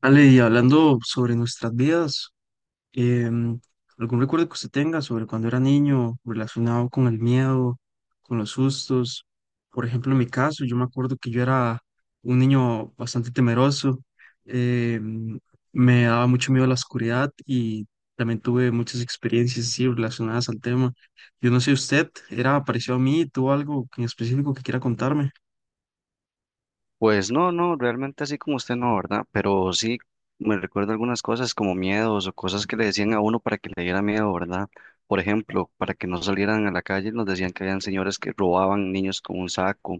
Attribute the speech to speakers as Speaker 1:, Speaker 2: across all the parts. Speaker 1: Ale, y hablando sobre nuestras vidas, em, ¿algún recuerdo que usted tenga sobre cuando era niño relacionado con el miedo, con los sustos? Por ejemplo, en mi caso, yo me acuerdo que yo era un niño bastante temeroso, em, me daba mucho miedo la oscuridad y también tuve muchas experiencias así relacionadas al tema. Yo no sé, ¿usted era parecido a mí? ¿Tuvo algo en específico que quiera contarme?
Speaker 2: Pues no, no, realmente así como usted no, ¿verdad? Pero sí me recuerdo algunas cosas como miedos o cosas que le decían a uno para que le diera miedo, ¿verdad? Por ejemplo, para que no salieran a la calle, nos decían que habían señores que robaban niños con un saco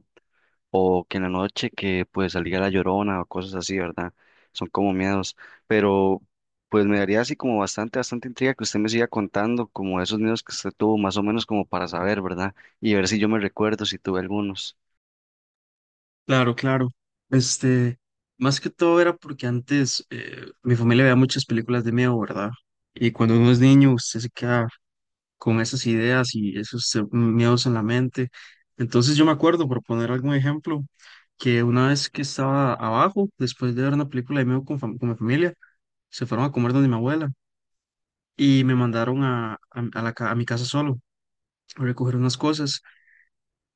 Speaker 2: o que en la noche que pues salía la llorona o cosas así, ¿verdad? Son como miedos, pero pues me daría así como bastante, bastante intriga que usted me siga contando como esos miedos que usted tuvo, más o menos como para saber, ¿verdad? Y ver si yo me recuerdo, si tuve algunos.
Speaker 1: Claro, claro. Este, más que todo era porque antes mi familia veía muchas películas de miedo, ¿verdad? Y cuando uno es niño, usted se queda con esas ideas y esos miedos en la mente. Entonces yo me acuerdo, por poner algún ejemplo, que una vez que estaba abajo, después de ver una película de miedo con, con mi familia, se fueron a comer donde mi abuela y me mandaron a la, a mi casa solo a recoger unas cosas.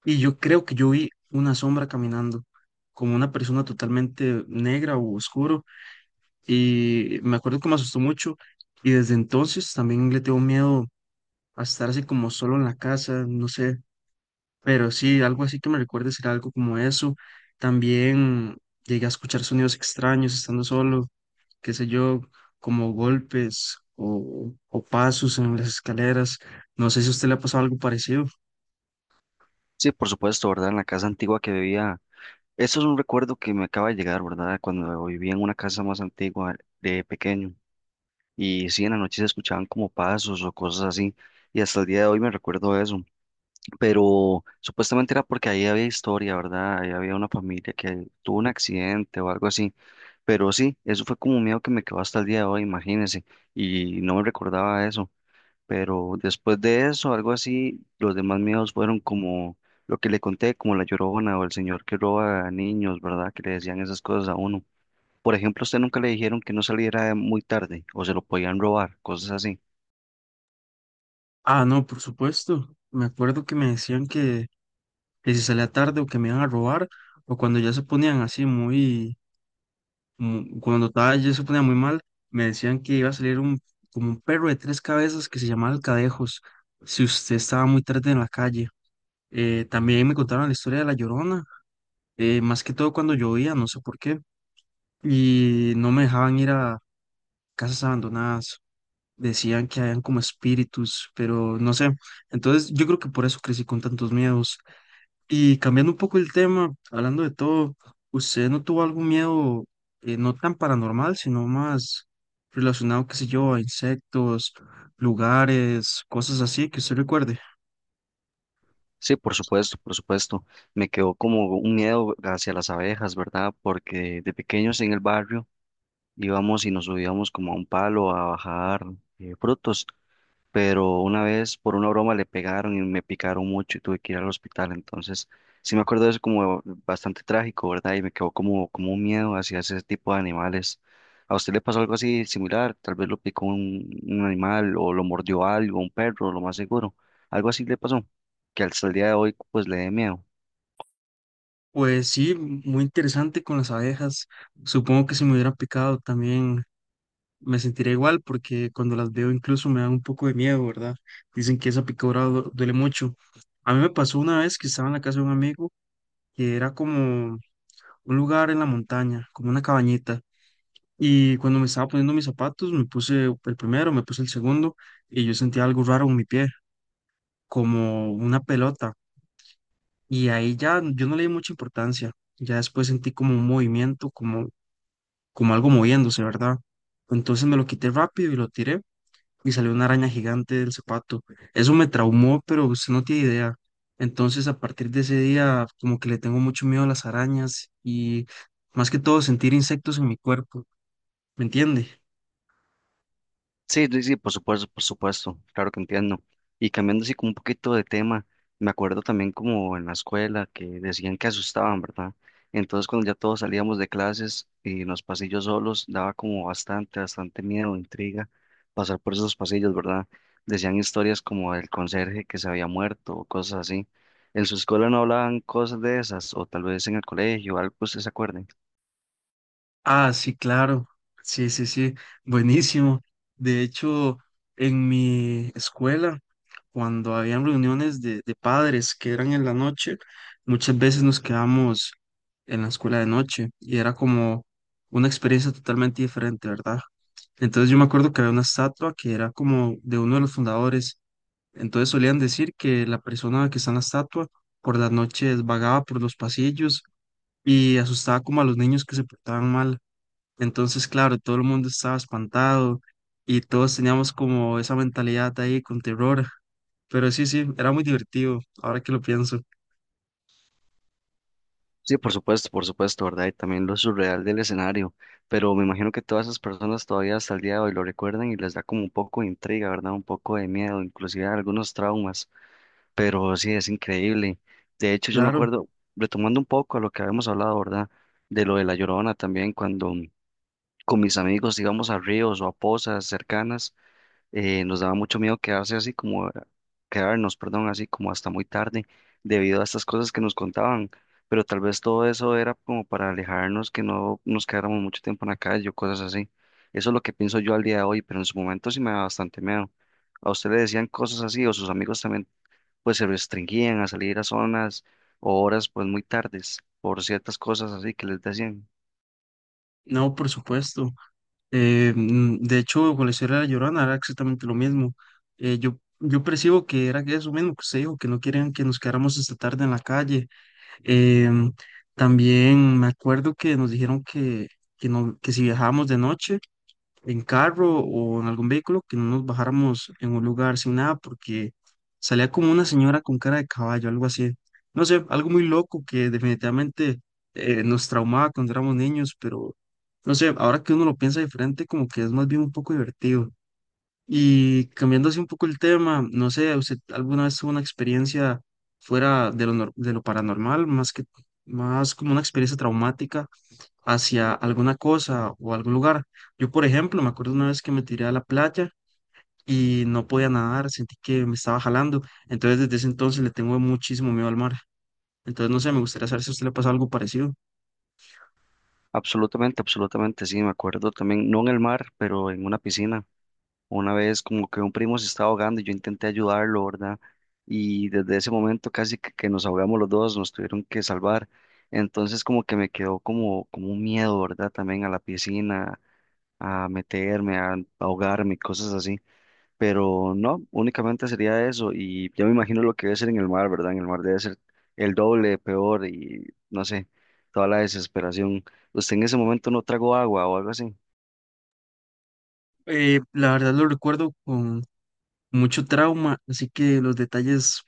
Speaker 1: Y yo creo que yo vi una sombra caminando, como una persona totalmente negra o oscuro, y me acuerdo que me asustó mucho, y desde entonces también le tengo miedo a estar así como solo en la casa, no sé, pero sí, algo así que me recuerde ser algo como eso. También llegué a escuchar sonidos extraños estando solo, qué sé yo, como golpes o pasos en las escaleras. No sé si a usted le ha pasado algo parecido.
Speaker 2: Sí, por supuesto, ¿verdad? En la casa antigua que vivía. Eso es un recuerdo que me acaba de llegar, ¿verdad? Cuando vivía en una casa más antigua de pequeño. Y sí, en la noche se escuchaban como pasos o cosas así. Y hasta el día de hoy me recuerdo eso. Pero supuestamente era porque ahí había historia, ¿verdad? Ahí había una familia que tuvo un accidente o algo así. Pero sí, eso fue como un miedo que me quedó hasta el día de hoy, imagínense. Y no me recordaba eso. Pero después de eso, algo así, los demás miedos fueron como lo que le conté, como la llorona o el señor que roba a niños, ¿verdad? Que le decían esas cosas a uno. Por ejemplo, a usted nunca le dijeron que no saliera muy tarde o se lo podían robar, cosas así.
Speaker 1: Ah, no, por supuesto. Me acuerdo que me decían que si salía tarde o que me iban a robar, o cuando ya se ponían así muy, cuando estaba, ya se ponía muy mal, me decían que iba a salir un, como un perro de tres cabezas que se llamaba Alcadejos, si usted estaba muy tarde en la calle. También me contaron la historia de La Llorona, más que todo cuando llovía, no sé por qué, y no me dejaban ir a casas abandonadas. Decían que habían como espíritus, pero no sé. Entonces yo creo que por eso crecí con tantos miedos. Y cambiando un poco el tema, hablando de todo, ¿usted no tuvo algún miedo no tan paranormal, sino más relacionado, qué sé yo, a insectos, lugares, cosas así que usted recuerde?
Speaker 2: Sí, por supuesto, por supuesto. Me quedó como un miedo hacia las abejas, ¿verdad? Porque de pequeños en el barrio íbamos y nos subíamos como a un palo a bajar frutos. Pero una vez por una broma le pegaron y me picaron mucho y tuve que ir al hospital. Entonces, sí me acuerdo de eso como bastante trágico, ¿verdad? Y me quedó como, como un miedo hacia ese tipo de animales. ¿A usted le pasó algo así similar? Tal vez lo picó un animal o lo mordió algo, un perro, lo más seguro. Algo así le pasó, que hasta el día de hoy pues le dé miedo.
Speaker 1: Pues sí, muy interesante con las abejas. Supongo que si me hubieran picado también me sentiría igual porque cuando las veo incluso me dan un poco de miedo, ¿verdad? Dicen que esa picadura duele mucho. A mí me pasó una vez que estaba en la casa de un amigo que era como un lugar en la montaña, como una cabañita. Y cuando me estaba poniendo mis zapatos, me puse el primero, me puse el segundo y yo sentía algo raro en mi pie, como una pelota. Y ahí ya yo no le di mucha importancia. Ya después sentí como un movimiento, como, como algo moviéndose, ¿verdad? Entonces me lo quité rápido y lo tiré y salió una araña gigante del zapato. Eso me traumó, pero usted no tiene idea. Entonces a partir de ese día como que le tengo mucho miedo a las arañas y más que todo sentir insectos en mi cuerpo, ¿me entiende?
Speaker 2: Sí, sí, sí, por supuesto, claro que entiendo. Y cambiando así como un poquito de tema, me acuerdo también como en la escuela que decían que asustaban, ¿verdad? Entonces cuando ya todos salíamos de clases y en los pasillos solos, daba como bastante, bastante miedo, intriga pasar por esos pasillos, ¿verdad? Decían historias como del conserje que se había muerto o cosas así. ¿En su escuela no hablaban cosas de esas o tal vez en el colegio, algo que usted se acuerde?
Speaker 1: Ah, sí, claro. Sí, sí, sí. Buenísimo. De hecho, en mi escuela, cuando habían reuniones de padres que eran en la noche, muchas veces nos quedamos en la escuela de noche y era como una experiencia totalmente diferente, ¿verdad? Entonces yo me acuerdo que había una estatua que era como de uno de los fundadores. Entonces solían decir que la persona que está en la estatua por las noches vagaba por los pasillos y asustaba como a los niños que se portaban mal. Entonces, claro, todo el mundo estaba espantado y todos teníamos como esa mentalidad ahí con terror. Pero sí, sí, era muy divertido, ahora que lo pienso.
Speaker 2: Sí, por supuesto, ¿verdad? Y también lo surreal del escenario, pero me imagino que todas esas personas todavía hasta el día de hoy lo recuerdan y les da como un poco de intriga, ¿verdad? Un poco de miedo, inclusive algunos traumas, pero sí, es increíble. De hecho, yo me
Speaker 1: Claro,
Speaker 2: acuerdo, retomando un poco a lo que habíamos hablado, ¿verdad? De lo de La Llorona también, cuando con mis amigos íbamos a ríos o a pozas cercanas, nos daba mucho miedo quedarse así como, quedarnos, perdón, así como hasta muy tarde debido a estas cosas que nos contaban, pero tal vez todo eso era como para alejarnos, que no nos quedáramos mucho tiempo en la calle o cosas así. Eso es lo que pienso yo al día de hoy, pero en su momento sí me daba bastante miedo. ¿A usted le decían cosas así o sus amigos también pues se restringían a salir a zonas o horas pues muy tardes por ciertas cosas así que les decían?
Speaker 1: no, por supuesto. De hecho, con la historia de la Llorona era exactamente lo mismo. Yo percibo que era que eso mismo que usted dijo, que no querían que nos quedáramos esta tarde en la calle. Em, también me acuerdo que nos dijeron no, que si viajábamos de noche, en carro o en algún vehículo que no nos bajáramos en un lugar sin nada porque salía como una señora con cara de caballo, algo así. No sé, algo muy loco que definitivamente nos traumaba cuando éramos niños, pero no sé, ahora que uno lo piensa diferente, como que es más bien un poco divertido. Y cambiando así un poco el tema, no sé, ¿usted alguna vez tuvo una experiencia fuera de lo, de lo paranormal, más como una experiencia traumática? Hacia alguna cosa o algún lugar. Yo, por ejemplo, me acuerdo una vez que me tiré a la playa y no podía nadar, sentí que me estaba jalando. Entonces, desde ese entonces le tengo muchísimo miedo al mar. Entonces, no sé, me gustaría saber si a usted le pasó algo parecido.
Speaker 2: Absolutamente, absolutamente, sí, me acuerdo también, no en el mar, pero en una piscina. Una vez como que un primo se estaba ahogando y yo intenté ayudarlo, ¿verdad? Y desde ese momento casi que nos ahogamos los dos, nos tuvieron que salvar. Entonces como que me quedó como, como un miedo, ¿verdad? También a la piscina, a meterme, a ahogarme, y cosas así. Pero no, únicamente sería eso. Y yo me imagino lo que debe ser en el mar, ¿verdad? En el mar debe ser el doble, peor y no sé, toda la desesperación. ¿Usted en ese momento no tragó agua o algo así?
Speaker 1: La verdad lo recuerdo con mucho trauma, así que los detalles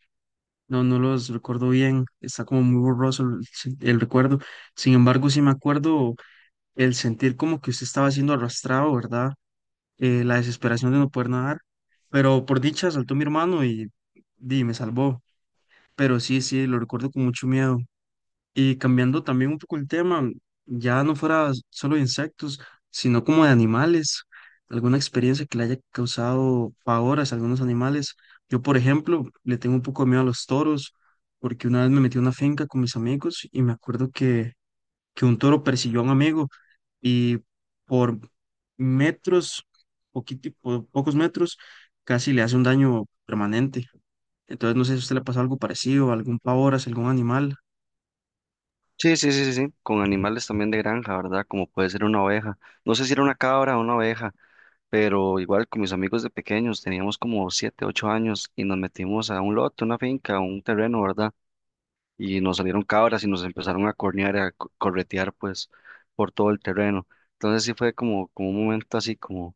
Speaker 1: no los recuerdo bien, está como muy borroso el, el recuerdo. Sin embargo, sí me acuerdo el sentir como que usted estaba siendo arrastrado, ¿verdad? La desesperación de no poder nadar, pero por dicha saltó mi hermano y, di, me salvó. Pero sí, sí, lo recuerdo con mucho miedo. Y cambiando también un poco el tema, ya no fuera solo de insectos, sino como de animales, alguna experiencia que le haya causado pavor a algunos animales. Yo, por ejemplo, le tengo un poco de miedo a los toros, porque una vez me metí a una finca con mis amigos y me acuerdo que un toro persiguió a un amigo y por metros, pocos metros, casi le hace un daño permanente. Entonces, no sé si a usted le pasó algo parecido, algún pavor hacia algún animal.
Speaker 2: Sí, sí, sí, sí, sí, con animales también de granja, ¿verdad? Como puede ser una oveja. No sé si era una cabra o una oveja, pero igual con mis amigos de pequeños, teníamos como 7, 8 años y nos metimos a un lote, una finca, un terreno, ¿verdad? Y nos salieron cabras y nos empezaron a cornear, corretear, pues, por todo el terreno. Entonces sí fue como, como un momento así como,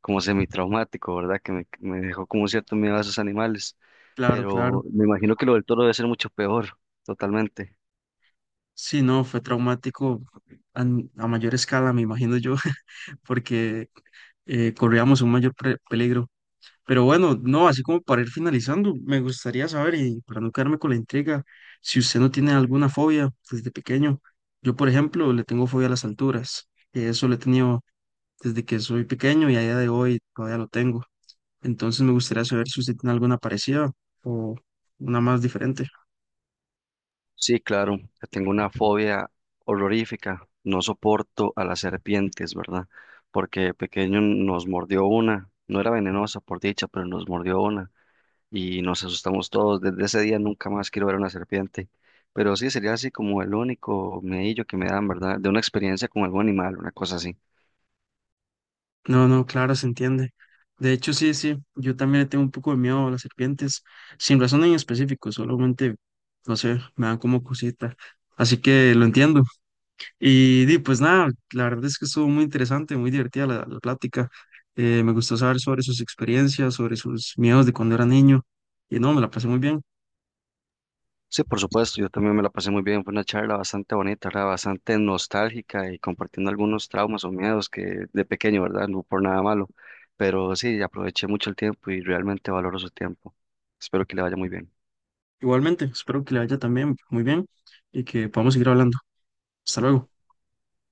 Speaker 2: como semitraumático, ¿verdad? Que me dejó como cierto miedo a esos animales.
Speaker 1: Claro, claro.
Speaker 2: Pero me imagino que lo del toro debe ser mucho peor, totalmente.
Speaker 1: Sí, no, fue traumático mayor escala, me imagino yo, porque corríamos un mayor peligro. Pero bueno, no, así como para ir finalizando, me gustaría saber, y para no quedarme con la intriga, si usted no tiene alguna fobia desde pequeño. Yo, por ejemplo, le tengo fobia a las alturas, que eso lo he tenido desde que soy pequeño y a día de hoy todavía lo tengo. Entonces me gustaría saber si usted tiene alguna parecida o una más diferente.
Speaker 2: Sí, claro, que tengo una fobia horrorífica. No soporto a las serpientes, ¿verdad? Porque de pequeño nos mordió una. No era venenosa, por dicha, pero nos mordió una. Y nos asustamos todos. Desde ese día nunca más quiero ver una serpiente. Pero sí, sería así como el único medillo que me dan, ¿verdad? De una experiencia con algún animal, una cosa así.
Speaker 1: No, no, claro, se entiende. De hecho, sí, sí, yo también le tengo un poco de miedo a las serpientes, sin razón en específico, solamente, no sé, me dan como cosita. Así que lo entiendo. Y, di, pues nada, la verdad es que estuvo muy interesante, muy divertida la, la plática. Me gustó saber sobre sus experiencias, sobre sus miedos de cuando era niño. Y no, me la pasé muy bien.
Speaker 2: Sí, por supuesto, yo también me la pasé muy bien, fue una charla bastante bonita, ¿verdad? Bastante nostálgica y compartiendo algunos traumas o miedos que de pequeño, ¿verdad? No por nada malo, pero sí, aproveché mucho el tiempo y realmente valoro su tiempo. Espero que le vaya muy bien.
Speaker 1: Igualmente, espero que le vaya también muy bien y que podamos seguir hablando. Hasta luego.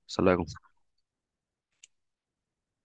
Speaker 2: Hasta luego.